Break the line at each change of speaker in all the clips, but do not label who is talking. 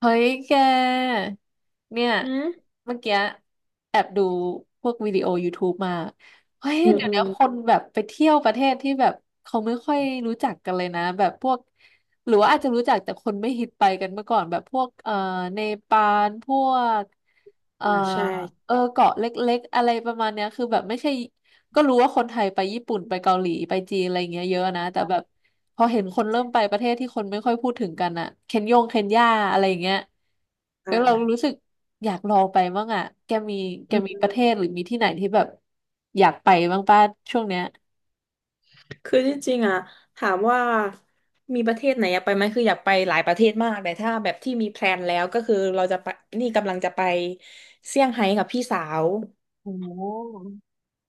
เฮ้ยแก เนี่ย
อืม
เมื่อกี้แอบดูพวกวิดีโอยูทูบมาเฮ้ย
อืม
เดี๋ยว
อื
นี้
ม
คนแบบไปเที่ยวประเทศที่แบบเขาไม่ค่อยรู้จักกันเลยนะแบบพวกหรือว่าอาจจะรู้จักแต่คนไม่ฮิตไปกันเมื่อก่อนแบบพวกเนปาลพวกเอ่อ
อ่าใช่
เออเกาะเล็กๆอะไรประมาณเนี้ยคือแบบไม่ใช่ก็รู้ว่าคนไทยไปญี่ปุ่นไปเกาหลีไปจีนอะไรอย่างเงี้ยเยอะนะแต่แบบ พอเห็นคนเริ่มไปประเทศที่คนไม่ค่อยพูดถึงกันอะเคนยาอะไรอย่างเงี้ยแล้วเรา
อ่า
รู้สึกอยากลองไปบ้างอะแกมีแก
อื
มีป
ม
ระเทศหรือมีที่ไหนที่แบบอยากไปบ้างป้าช่วงเนี้ย
คือจริงๆอ่ะถามว่ามีประเทศไหนอยากไปไหมคืออยากไปหลายประเทศมากแต่ถ้าแบบที่มีแพลนแล้วก็คือเราจะไปนี่กำลังจะไปเซี่ยงไฮ้กับพี่สาว
โอ้โห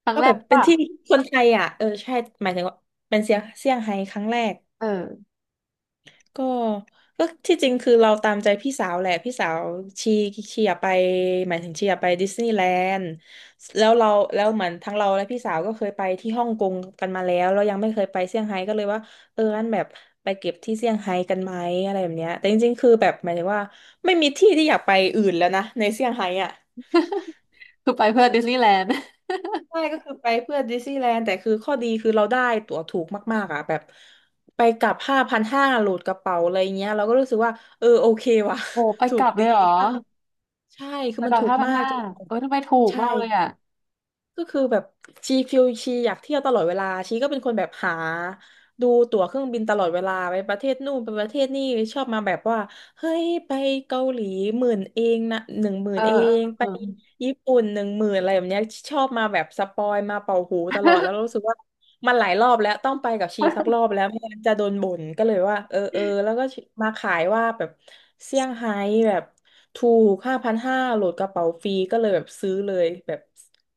ครั้ง
ก็
แร
แบ
ก
บเป็นที่
ป่ะ
คนไทยอ่ะเออใช่หมายถึงว่าเป็นเซี่ยงไฮ้ครั้งแรก
เออ
ก็ก็ที่จริงคือเราตามใจพี่สาวแหละพี่สาวชีชีอยากไปหมายถึงชีอยากไปดิสนีย์แลนด์แล้วเราแล้วเหมือนทั้งเราและพี่สาวก็เคยไปที่ฮ่องกงกันมาแล้วเรายังไม่เคยไปเซี่ยงไฮ้ก็เลยว่าเอองั้นแบบไปเก็บที่เซี่ยงไฮ้กันไหมอะไรแบบเนี้ยแต่จริงๆคือแบบหมายถึงว่าไม่มีที่ที่อยากไปอื่นแล้วนะในเซี่ยงไฮ้อ่ะ
คือไปเพื่อดิสนีย์แลนด์
ใช่ก็คือไปเพื่อดิสนีย์แลนด์แต่คือข้อดีคือเราได้ตั๋วถูกมากๆอ่ะแบบไปกลับห้าพันห้าโหลดกระเป๋าอะไรเงี้ยเราก็รู้สึกว่าเออโอเคว่ะ
โอ้ไป
ถู
ก
ก
ลับเล
ดี
ยเหรอ
ค่ะใช่คื
ไป
อมั
ก
น
ลับ
ถูก
ห้าพัน
มาก
ห้า
จน
เออทำไมถูก
ใช่
มากเลยอ่ะ
ก็คือแบบชีฟิลชีอยากเที่ยวตลอดเวลาชีก็เป็นคนแบบหาดูตั๋วเครื่องบินตลอดเวลาไปประเทศนู่นไปประเทศนี่ชอบมาแบบว่าเฮ้ยไปเกาหลีหมื่นเองนะหนึ่งหมื่
เอ
น
อ
เอง
เอ
ไป
อ
ญี่ปุ่นหนึ่งหมื่นอะไรแบบเนี้ยชอบมาแบบสปอยมาเป่าหูตลอดแล้วรู้สึกว่ามันหลายรอบแล้วต้องไปกับชี
เอ
สั
อ
กรอบแล้วไม่งั้นจะโดนบ่นก็เลยว่าเออเออแล้วก็มาขายว่าแบบเซี่ยงไฮ้แบบ ถูกห้าพันห้าโหลดกระเป๋าฟรีก็เลยแบบซื้อเลยแบบ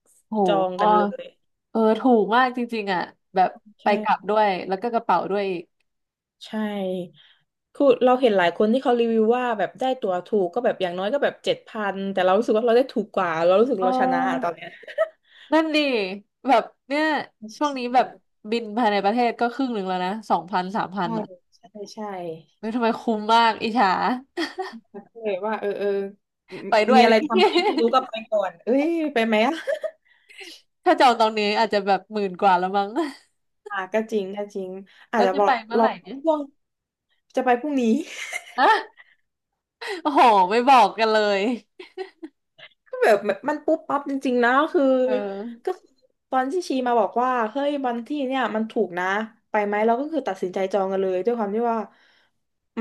โห
จอง
อ๋ อ
กันเลย
เออถูกมากจริงๆอะแบบไปกลับ
ใช่
ด้วยแล้วก็กระเป๋าด้วยอีก
ใช่คือเราเห็นหลายคนที่เขารีวิวว่าแบบได้ตั๋วถูกก็แบบอย่างน้อยก็แบบ7,000แต่เรารู้สึกว่าเราได้ถูกกว่าเรารู้สึก
เอ
เราชนะอะตอน
อ
เนี้ย
นั่นดิแบบเนี่ยช่วงนี้แบบ บินภายในประเทศก็ครึ่งหนึ่งแล้วนะ2,000 3,000
ใช่
อ่ะ
ใช่ใช่
เฮ้ยทำไมคุ้มมากอิจฉา
ใช่แล้วก็เลยว่าเออเออ ม
ไปด้ว
มี
ย
อะไร
เนี่ย
ทำไหมที่รู้ก็ไปก่อนเอ้ยไปไหมอะ
ถ้าจองตอนนี้อาจจะแบบหมื่นกว่าแล้วมั้ง
อ่ะก็จริงก็จริง อา
แล้
จ
ว
จะ
จะ
บอ
ไป
ก
เมื่อไห
เรา
ร่เนี่ย
ช่วงจะไปพรุ่งนี้
อะโอ้โหไม่บอกกันเลย
ก็แบบมันปุ๊บปั๊บจริงๆนะคือ
เออ
ก็คือตอนที่ชีมาบอกว่าเฮ้ยวันที่เนี่ยมันถูกนะไปไหมเราก็คือตัดสินใจจองกันเลยด้วยความที่ว่า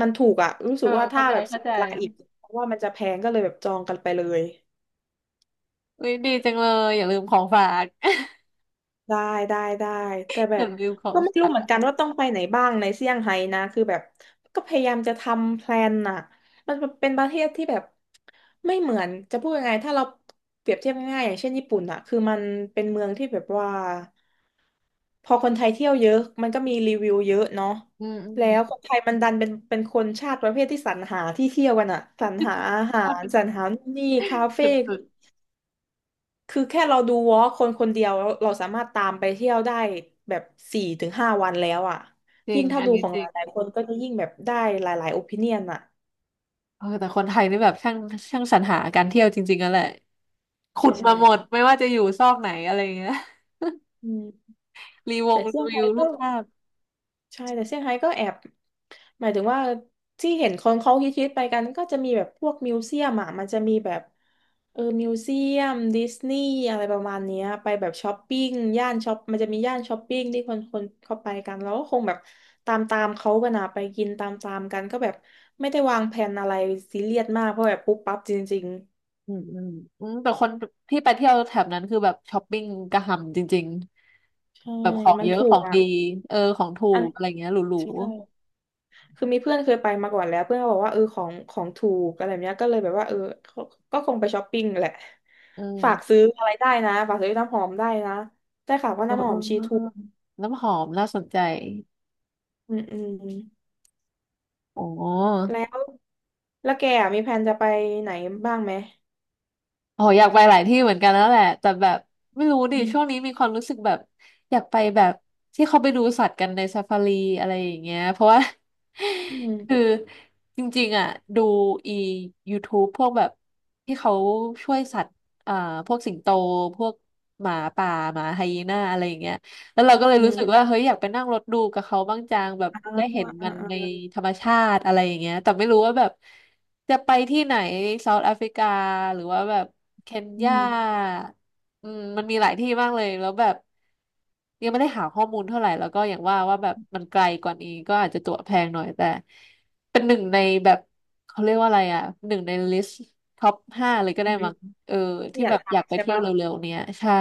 มันถูกอะรู้
เอ
สึ
อ
กว่า
เข้า
ถ้า
ใจ
แบบเสี
เข้า
ย
ใจ
เวลาอีกเพราะว่ามันจะแพงก็เลยแบบจองกันไปเลย
อุ้ยดีจังเลยอย่าลืมของฝาก
ได้ได้ได้แต่แบ
อ
บ
ย่าลืมของ
ก็ไม่รู้
ฝา
เหมือน
ก
กันว่าต้องไปไหนบ้างในเซี่ยงไฮ้นะคือแบบก็พยายามจะทำแพลนน่ะมันเป็นประเทศที่แบบไม่เหมือนจะพูดยังไงถ้าเราเปรียบเทียบง่ายๆอย่างเช่นญี่ปุ่นน่ะคือมันเป็นเมืองที่แบบว่าพอคนไทยเที่ยวเยอะมันก็มีรีวิวเยอะเนาะ
อืมอืม
แล้วคนไทยมันดันเป็นคนชาติประเภทที่สรรหาที่เที่ยวกันอะสรรหาอาหา
ถ้า
ร
เป็น
สรรหานู่นนี่คาเฟ่
จุด
คือแค่เราดูวอล์กคนคนเดียวเราเราสามารถตามไปเที่ยวได้แบบสี่ถึงห้าวันแล้วอ่ะ
ๆจริ
ยิ่
ง
งถ้า
อัน
ดู
นี้
ของ
จ
ห
ริง
ลายๆคนก็จะยิ่งแบบได้หลายๆโอปิเนียนอ่ะ
เออแต่คนไทยนี่แบบช่างสรรหาการเที่ยวจริงๆกันแหละ ขุด
ใช่
มาหมดไม่ว่าจะอยู่ซอกไหนอะไรอย่างเงี้ย
อืม
รีว
แต่
ง
เซี่ยง
รีวิ
ไฮ้
วรู
ก็
ปภาพ
ใช่แต่เซี่ยงไฮ้ก็แอบหมายถึงว่าที่เห็นคนเขาคิตๆไปกันก็จะมีแบบพวกมิวเซียมอ่ะมันจะมีแบบเออมิวเซียมดิสนีย์อะไรประมาณเนี้ยไปแบบช้อปปิ้งย่านช้อปมันจะมีย่านช้อปปิ้งที่คนคนเข้าไปกันแล้วก็คงแบบตามตามเขากันอะไปกินตามตามกันก็แบบไม่ได้วางแผนอะไรซีเรียสมากเพราะแบบปุ๊บปั๊บจริง
อืมอืมอืมแต่คนที่ไปเที่ยวแถบนั้นคือแบบช้อปปิ้งกระหำจริง
ๆใช่
ๆแบบของ
มัน
เยอะ
ถู
ขอ
ก
ง
อ่ะ
ดีเออของถู
อัน
กอะไรเงี้ยหรู
ใช่ คือมีเพื่อนเคยไปมาก่อนแล้วเพื่อนก็บอกว่าเออของถูกอะไรแบบเนี้ยก็เลยแบบว่าเออก็ก็คงไปช้อปปิ้งแหละ
ๆอืม
ฝากซื้ออะไรได้นะฝากซื้อน้ำหอมได้นะได้ข่าวว่า
เออ
น้ำห
เอ
อ
อ
มชี
เอ
ถู
อ
ก
น้ำหอมน่าสนใจ
อืมอืม
โอ้
แล้วแล้วแกอะมีแผนจะไปไหนบ้างไหม
อ๋ออยากไปหลายที่เหมือนกันแล้วแหละแต่แบบไม่รู้ดิ
อื
ช่วงนี้
ม
มีความรู้สึกแบบอยากไปแบบที่เขาไปดูสัตว์กันในซาฟารีอะไรอย่างเงี้ยเพราะว่า
อื
คือ
ม
จริงๆอ่ะดูอี YouTube พวกแบบที่เขาช่วยสัตว์อ่าพวกสิงโตพวกหมาป่าหมาไฮยีน่าอะไรอย่างเงี้ย แล้วเราก็เลย
อื
รู้
ม
สึกว่าเฮ้ยอยากไปนั่งรถดูกับเขาบ้างจังแบบ
อ่า
ได้เห็น
อ่า
มันใน
อ่า
ธรรมชาติอะไรอย่างเงี้ยแต่ไม่รู้ว่าแบบจะไปที่ไหนเซาท์แอฟริกาหรือว่าแบบเคน
อื
ยา
ม
อืมมันมีหลายที่มากเลยแล้วแบบยังไม่ได้หาข้อมูลเท่าไหร่แล้วก็อย่างว่าว่าแบบมันไกลกว่านี้ก็อาจจะตั๋วแพงหน่อยแต่เป็นหนึ่งในแบบเขาเรียกว่าอะไรอ่ะหนึ่งในลิสต์ท็อปห้าเลยก็
อื
ได้
ม
มั้ง เออ
ที่
ที่
อยา
แบ
ก
บอยาก
ทำ
ไป
ใช่
เที่ยว
ปะ
เร็วๆเนี้ยใช่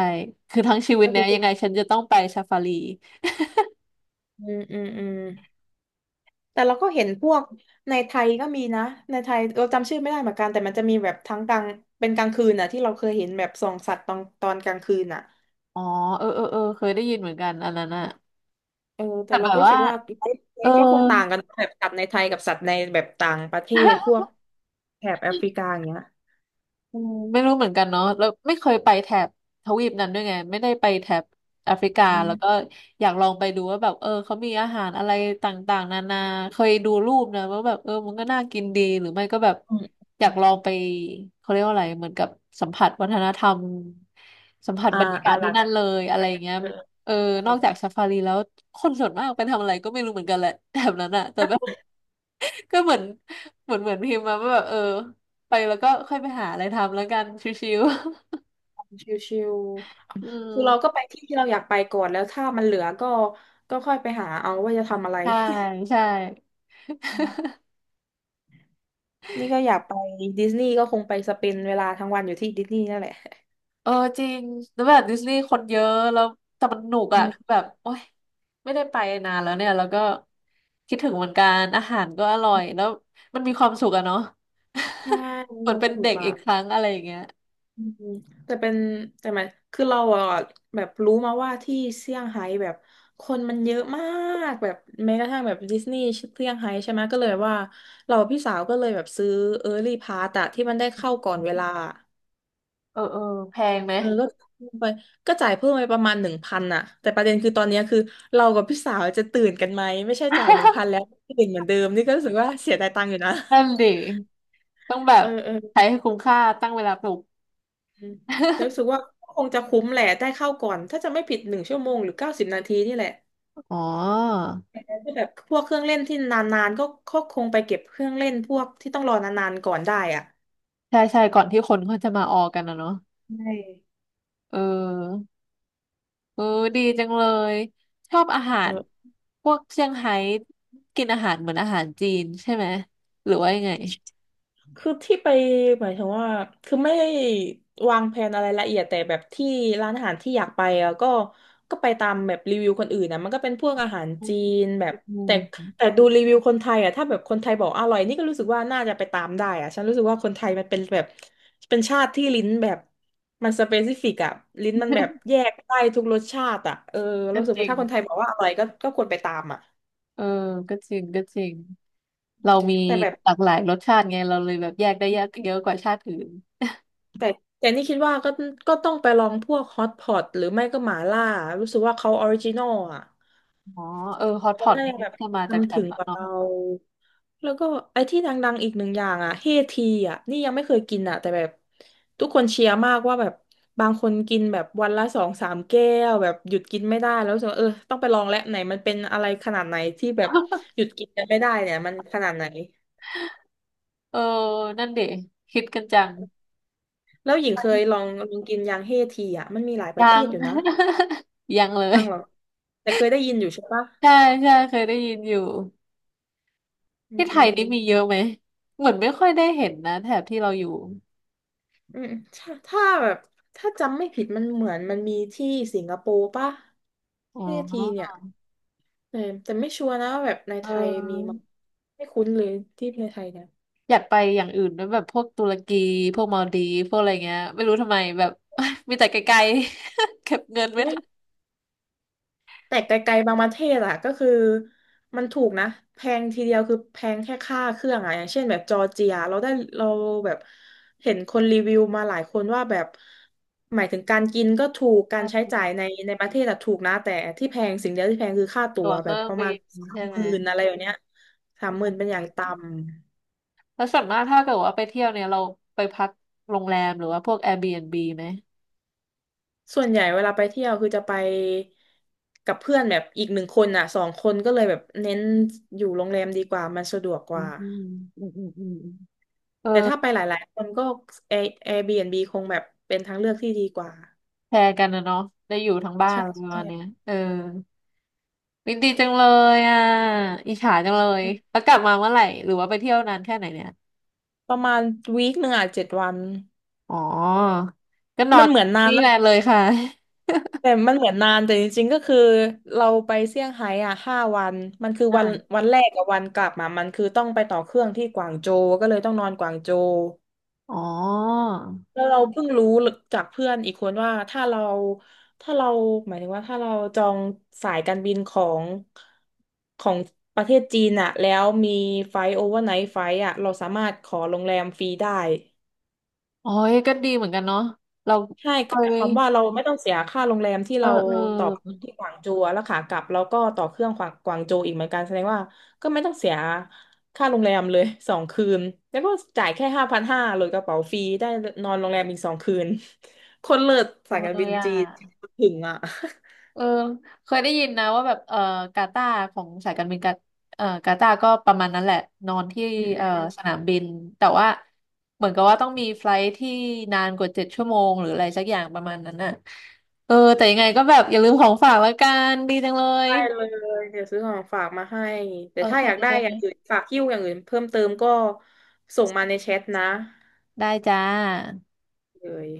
คือทั้งชีวิต
ก็
เนี้
คื
ย
อ
ยังไงฉันจะต้องไปซาฟารี
อืมอืมอืม แต่เราก็เห็นพวกในไทยก็มีนะในไทยเราจำชื่อไม่ได้เหมือนกันแต่มันจะมีแบบทั้งกลางเป็นกลางคืนน่ะที่เราเคยเห็นแบบส่องสัตว์ตอนกลางคืนน่ะ
อ๋อเออเออเออเคยได้ยินเหมือนกันอันนั้นอะ
เออแต่
แต่
เรา
แบ
ก็
บ
รู้
ว่า
สึกว่าไซส์ไล
เออ
ฟ์ก็คงต่างกันแบบสัตว์ในไทยกับสัตว์ในแบบต่างประเทศพ วกแถบแอฟริกาอย่างเงี้ย
อืมไม่รู้เหมือนกันเนาะแล้วไม่เคยไปแถบทวีปนั้นด้วยไงไม่ได้ไปแถบแอฟริกา
อื
แล้วก็
ม
อยากลองไปดูว่าแบบเออเขามีอาหารอะไรต่างๆนานาเคยดูรูปนะว่าแบบเออมันก็น่ากินดีหรือไม่ก็แบบ
อืม
อยา
อื
กล
ม
องไปเขาเรียกว่าอะไรเหมือนกับสัมผัสวัฒนธรรมสัมผัส
อ่า
บรรยากาศ
ห
ที่
ลัก
นั่นเลยอะไรอย่างเงี้ย
เออ
เออ
ใช่
นอกจากซาฟารีแล้วคนส่วนมากไปทำอะไรก็ไม่รู้เหมือนกันแหละแถบนั้นอะแต่แบบ ก็เหมือนเหมือนพิมพ์มาว่าแบบเออไปแล้วก็ค่อยไปหาอะไรทำแล้วกันชิว
ชิว
ๆ อื
ๆคื
ม
อเราก็ไปที่ที่เราอยากไปก่อนแล้วถ้ามันเหลือก็ค่อยไปหาเอาว่าจะทำอะไร
ใช่ใช่
นี่ก็อยากไปดิสนีย์ก็คงไปสเปนเวลาทั้งวันอยู่ที่ดิสนีย์นั่นแหละ
เออจริงแล้วแบบดิสนีย์คนเยอะแล้วแต่มันหนุก
อื
อ่ะคือ
ม
แบบโอ๊ยไม่ได้ไปนานแล้วเนี่ยแล้วก็คิดถึงเหมือนกันอาหารก็อร่อยแล้วมันมีความสุขอะเนาะ
ใช่
เหมือนเป็น
ถู
เด็
ก
ก
อ่ะ
อีกครั้งอะไรอย่างเงี้ย
อืมแต่เป็นแต่หมายคือเราอ่ะแบบรู้มาว่าที่เซี่ยงไฮ้แบบคนมันเยอะมากแบบแม้กระทั่งแบบดิสนีย์เซี่ยงไฮ้ใช่ไหมก็เลยว่าเราพี่สาวก็เลยแบบซื้อเออร์ลี่พาสอะที่มันได้เข้าก่อนเวลา
เออเออแพงไหม
เออก็จ่ายไปก็จ่ายเพิ่มไปประมาณหนึ่งพันอ่ะแต่ประเด็นคือตอนเนี้ยคือเรากับพี่สาวจะตื่นกันไหมไม่ใช่จ่ายหนึ่งพัน แล้วตื่นเหมือนเดิมนี่ก็รู้สึกว่าเสียดายตังค์อยู่นะ
นั่นดิต้องแบ
เอ
บ
อเออ
ใช้ให้คุ้มค่าตั้งเวลาปลุก
เออแต่รู้สึ กว่าคงจะคุ้มแหละได้เข้าก่อนถ้าจะไม่ผิด1 ชั่วโมงหรือ90 นาทีนี่แหละ
อ๋อ
ก็แบบพวกเครื่องเล่นที่นานๆก็คงไปเก็บเครื่องเล่นพวกที่ต้องรอนานๆก่อนได้อ่ะ
ใช่ใช่ก่อนที่คนเขาจะมาออกันนะเนาะ
ใช่
เออเออดีจังเลยชอบอาหา
เอ
ร
อ
พวกเซี่ยงไฮ้กินอาหารเหมือนอาหารจีนใช่ไหมหรือว่ายังไง
คือที่ไปหมายถึงว่าคือไม่ได้วางแผนอะไรละเอียดแต่แบบที่ร้านอาหารที่อยากไปอะก็ไปตามแบบรีวิวคนอื่นนะมันก็เป็นพวกอาหารจีนแบบ
อื
แต่แต่
ม
ดูรีวิวคนไทยอะถ้าแบบคนไทยบอกอร่อยนี่ก็รู้สึกว่าน่าจะไปตามได้อะฉันรู้สึกว่าคนไทยมันเป็นแบบเป็นชาติที่ลิ้นแบบมันสเปซิฟิกอะลิ้นมันแบบแยกได้ทุกรสชาติอะเออ
ก็
รู้สึก
จ
ว่า
ริง
ถ้าคนไทยบอกว่าอร่อยก็ควรไปตามอะ
เออก็จริงก็จริงเรามี
แต่แบบ
หลากหลายรสชาติไงเราเลยแบบแยกได้เยอะเยอะกว่าชาติอื่น
แต่นี่คิดว่าก็ต้องไปลองพวกฮอตพอตหรือไม่ก็หมาล่ารู้สึกว่าเขาออริจินอลอ่ะ
อ๋อเออฮอตพ
เขา
อต
น่า
นี่
จะแบบ
ก็มาจากแถ
ทำถึ
บ
ง
นั้
ก
น
ว่า
เนาะ
เราแล้วก็ไอ้ที่ดังๆอีกหนึ่งอย่างอ่ะเฮทีอ่ะนี่ยังไม่เคยกินอ่ะแต่แบบทุกคนเชียร์มากว่าแบบบางคนกินแบบวันละ2-3 แก้วแบบหยุดกินไม่ได้แล้วรู้สึกว่าเออต้องไปลองแล้วไหนมันเป็นอะไรขนาดไหนที่แบบ หยุดกินกันไม่ได้เนี่ยมันขนาดไหน
เออนั่นเด็คิดกันจัง
แล้วหญิงเคยลองกินยางเฮทีอ่ะมันมีหลายประ
ยั
เท
ง
ศอยู่นะ
ยังเลย
บัางหรอกแต่เคยได้ยินอยู่ใช่ปะ
ใช่ใช่เคยได้ยินอยู่
อืม
ที่ไท
อื
ย
ม
นี่มีเยอะไหมเหมือนไม่ค่อยได้เห็นนะแถบที่เราอยู่
อืมถ้าถ้าแบบถ้าจำไม่ผิดมันเหมือนมันมีที่สิงคโปร์ปะ
อ๋
เที่ทีเนี่
อ
ยแต่แต่ไม่ชัวร์นะว่าแบบใน
เ
ไทยมีมั้
ออ
ยไม่คุ้นเลยที่ในไทยเนี่ย
อยากไปอย่างอื่นด้วยแบบพวกตุรกีพวกมาลดีฟพวกอะไรเงี้ยไม่รู้ทำไมแบบ มีแต่ไกลๆ เก็บเงินไม่ทัน
แต่ไกลๆบางประเทศอะก็คือมันถูกนะแพงทีเดียวคือแพงแค่ค่าเครื่องอะอย่างเช่นแบบจอร์เจียเราแบบเห็นคนรีวิวมาหลายคนว่าแบบหมายถึงการกินก็ถูกการใช้
เออ
จ่ายในประเทศอะถูกนะแต่ที่แพงสิ่งเดียวที่แพงคือค่าตั๋
ตั๋
ว
วเค
แบ
รื่
บ
อง
ประ
บิ
มาณ
น
สาม
ใช่ไห
ห
ม
มื่นอะไรอย่างเนี้ยสามหมื่นเป็นอย่างต่ำ
แล้วส่วนมากถ้าเกิดว่าไปเที่ยวเนี่ยเราไปพักโรงแรมหรือว่าพวก Airbnb ไหม
ส่วนใหญ่เวลาไปเที่ยวคือจะไปกับเพื่อนแบบอีก1 คนอะ2 คนก็เลยแบบเน้นอยู่โรงแรมดีกว่ามันสะดวกก
อื
ว่า
มอืมอืมอืมเออ
แต่ถ้าไปหลายๆคนก็ Airbnb คงแบบเป็นทางเลือกที่ดีกว่า
แชร์กันนะเนาะได้อยู่ทั้งบ้าน
ใช่
อะไรประ
ใช่
มาณเนี้ยเออ วิดีจังเลยอ่ะอิจฉาจังเลย
อืม
แล้วกลับมาเมื่อไหร่หรือว่าไปเที่ยวนานแค่ไหนเนี่ย
ประมาณวีคหนึ่งอ่ะ7 วัน
อ๋อก็นอ
มัน
น
เหมือนนาน
นี่แห
นะ
ละเลยค่ะ
แต่มันเหมือนนานแต่จริงๆ ก็คือเราไปเซี่ยงไฮ้อ่ะ5 วันมันคือวัน
อ่า
วันแรกกับวันกลับมามันคือต้องไปต่อเครื่องที่กวางโจวก็เลยต้องนอนกวางโจว
อ๋อ
แล้วเราเพิ่งรู้จากเพื่อนอีกคนว่าถ้าเราหมายถึงว่าถ้าเราจองสายการบินของประเทศจีนอะแล้วมีไฟโอเวอร์ไนท์ไฟอะเราสามารถขอโรงแรมฟรีได้
โอ้ยก็ดีเหมือนกันเนาะเรา
ใช่
เค
ก็หมายค
ย
วามว่าเราไม่ต้องเสียค่าโรงแรมที่
เออ
เรา
เอ
ต่อ
อ
ที่กวางโจวแล้วขากลับเราก็ต่อเครื่องกวางโจวอีกเหมือนกันแสดงว่าก็ไม่ต้องเสียค่าโรงแรมเลยสองคืนแล้วก็จ่ายแค่5,500หลดกระเป๋าฟรีได้นอนโรงแรมอีกสองคืนคนเลิศ
จั
สาย
ง
การ
เล
บิ
ย
น
อ่ะ
จีนถึงอ่ะ
เออเคยได้ยินนะว่าแบบเออกาตาร์ของสายการบินกาเออกาตาร์ก็ประมาณนั้นแหละนอนที่เออสนามบินแต่ว่าเหมือนกับว่าต้องมีไฟล์ทที่นานกว่า7 ชั่วโมงหรืออะไรสักอย่างประมาณนั้นน่ะเออแต่ยังไงก็แบบอย่าลืมของฝากละกันดีจังเลย
ได้เลยเดี๋ยวซื้อของฝากมาให้แต่
โอ
ถ้า
เ
อยากได้อย่าง
ค
อื่นฝากหิ้วอย่างอื่นเพิ่มเติมก็ส่งมาในแชทนะ
ได้จ้า
เลย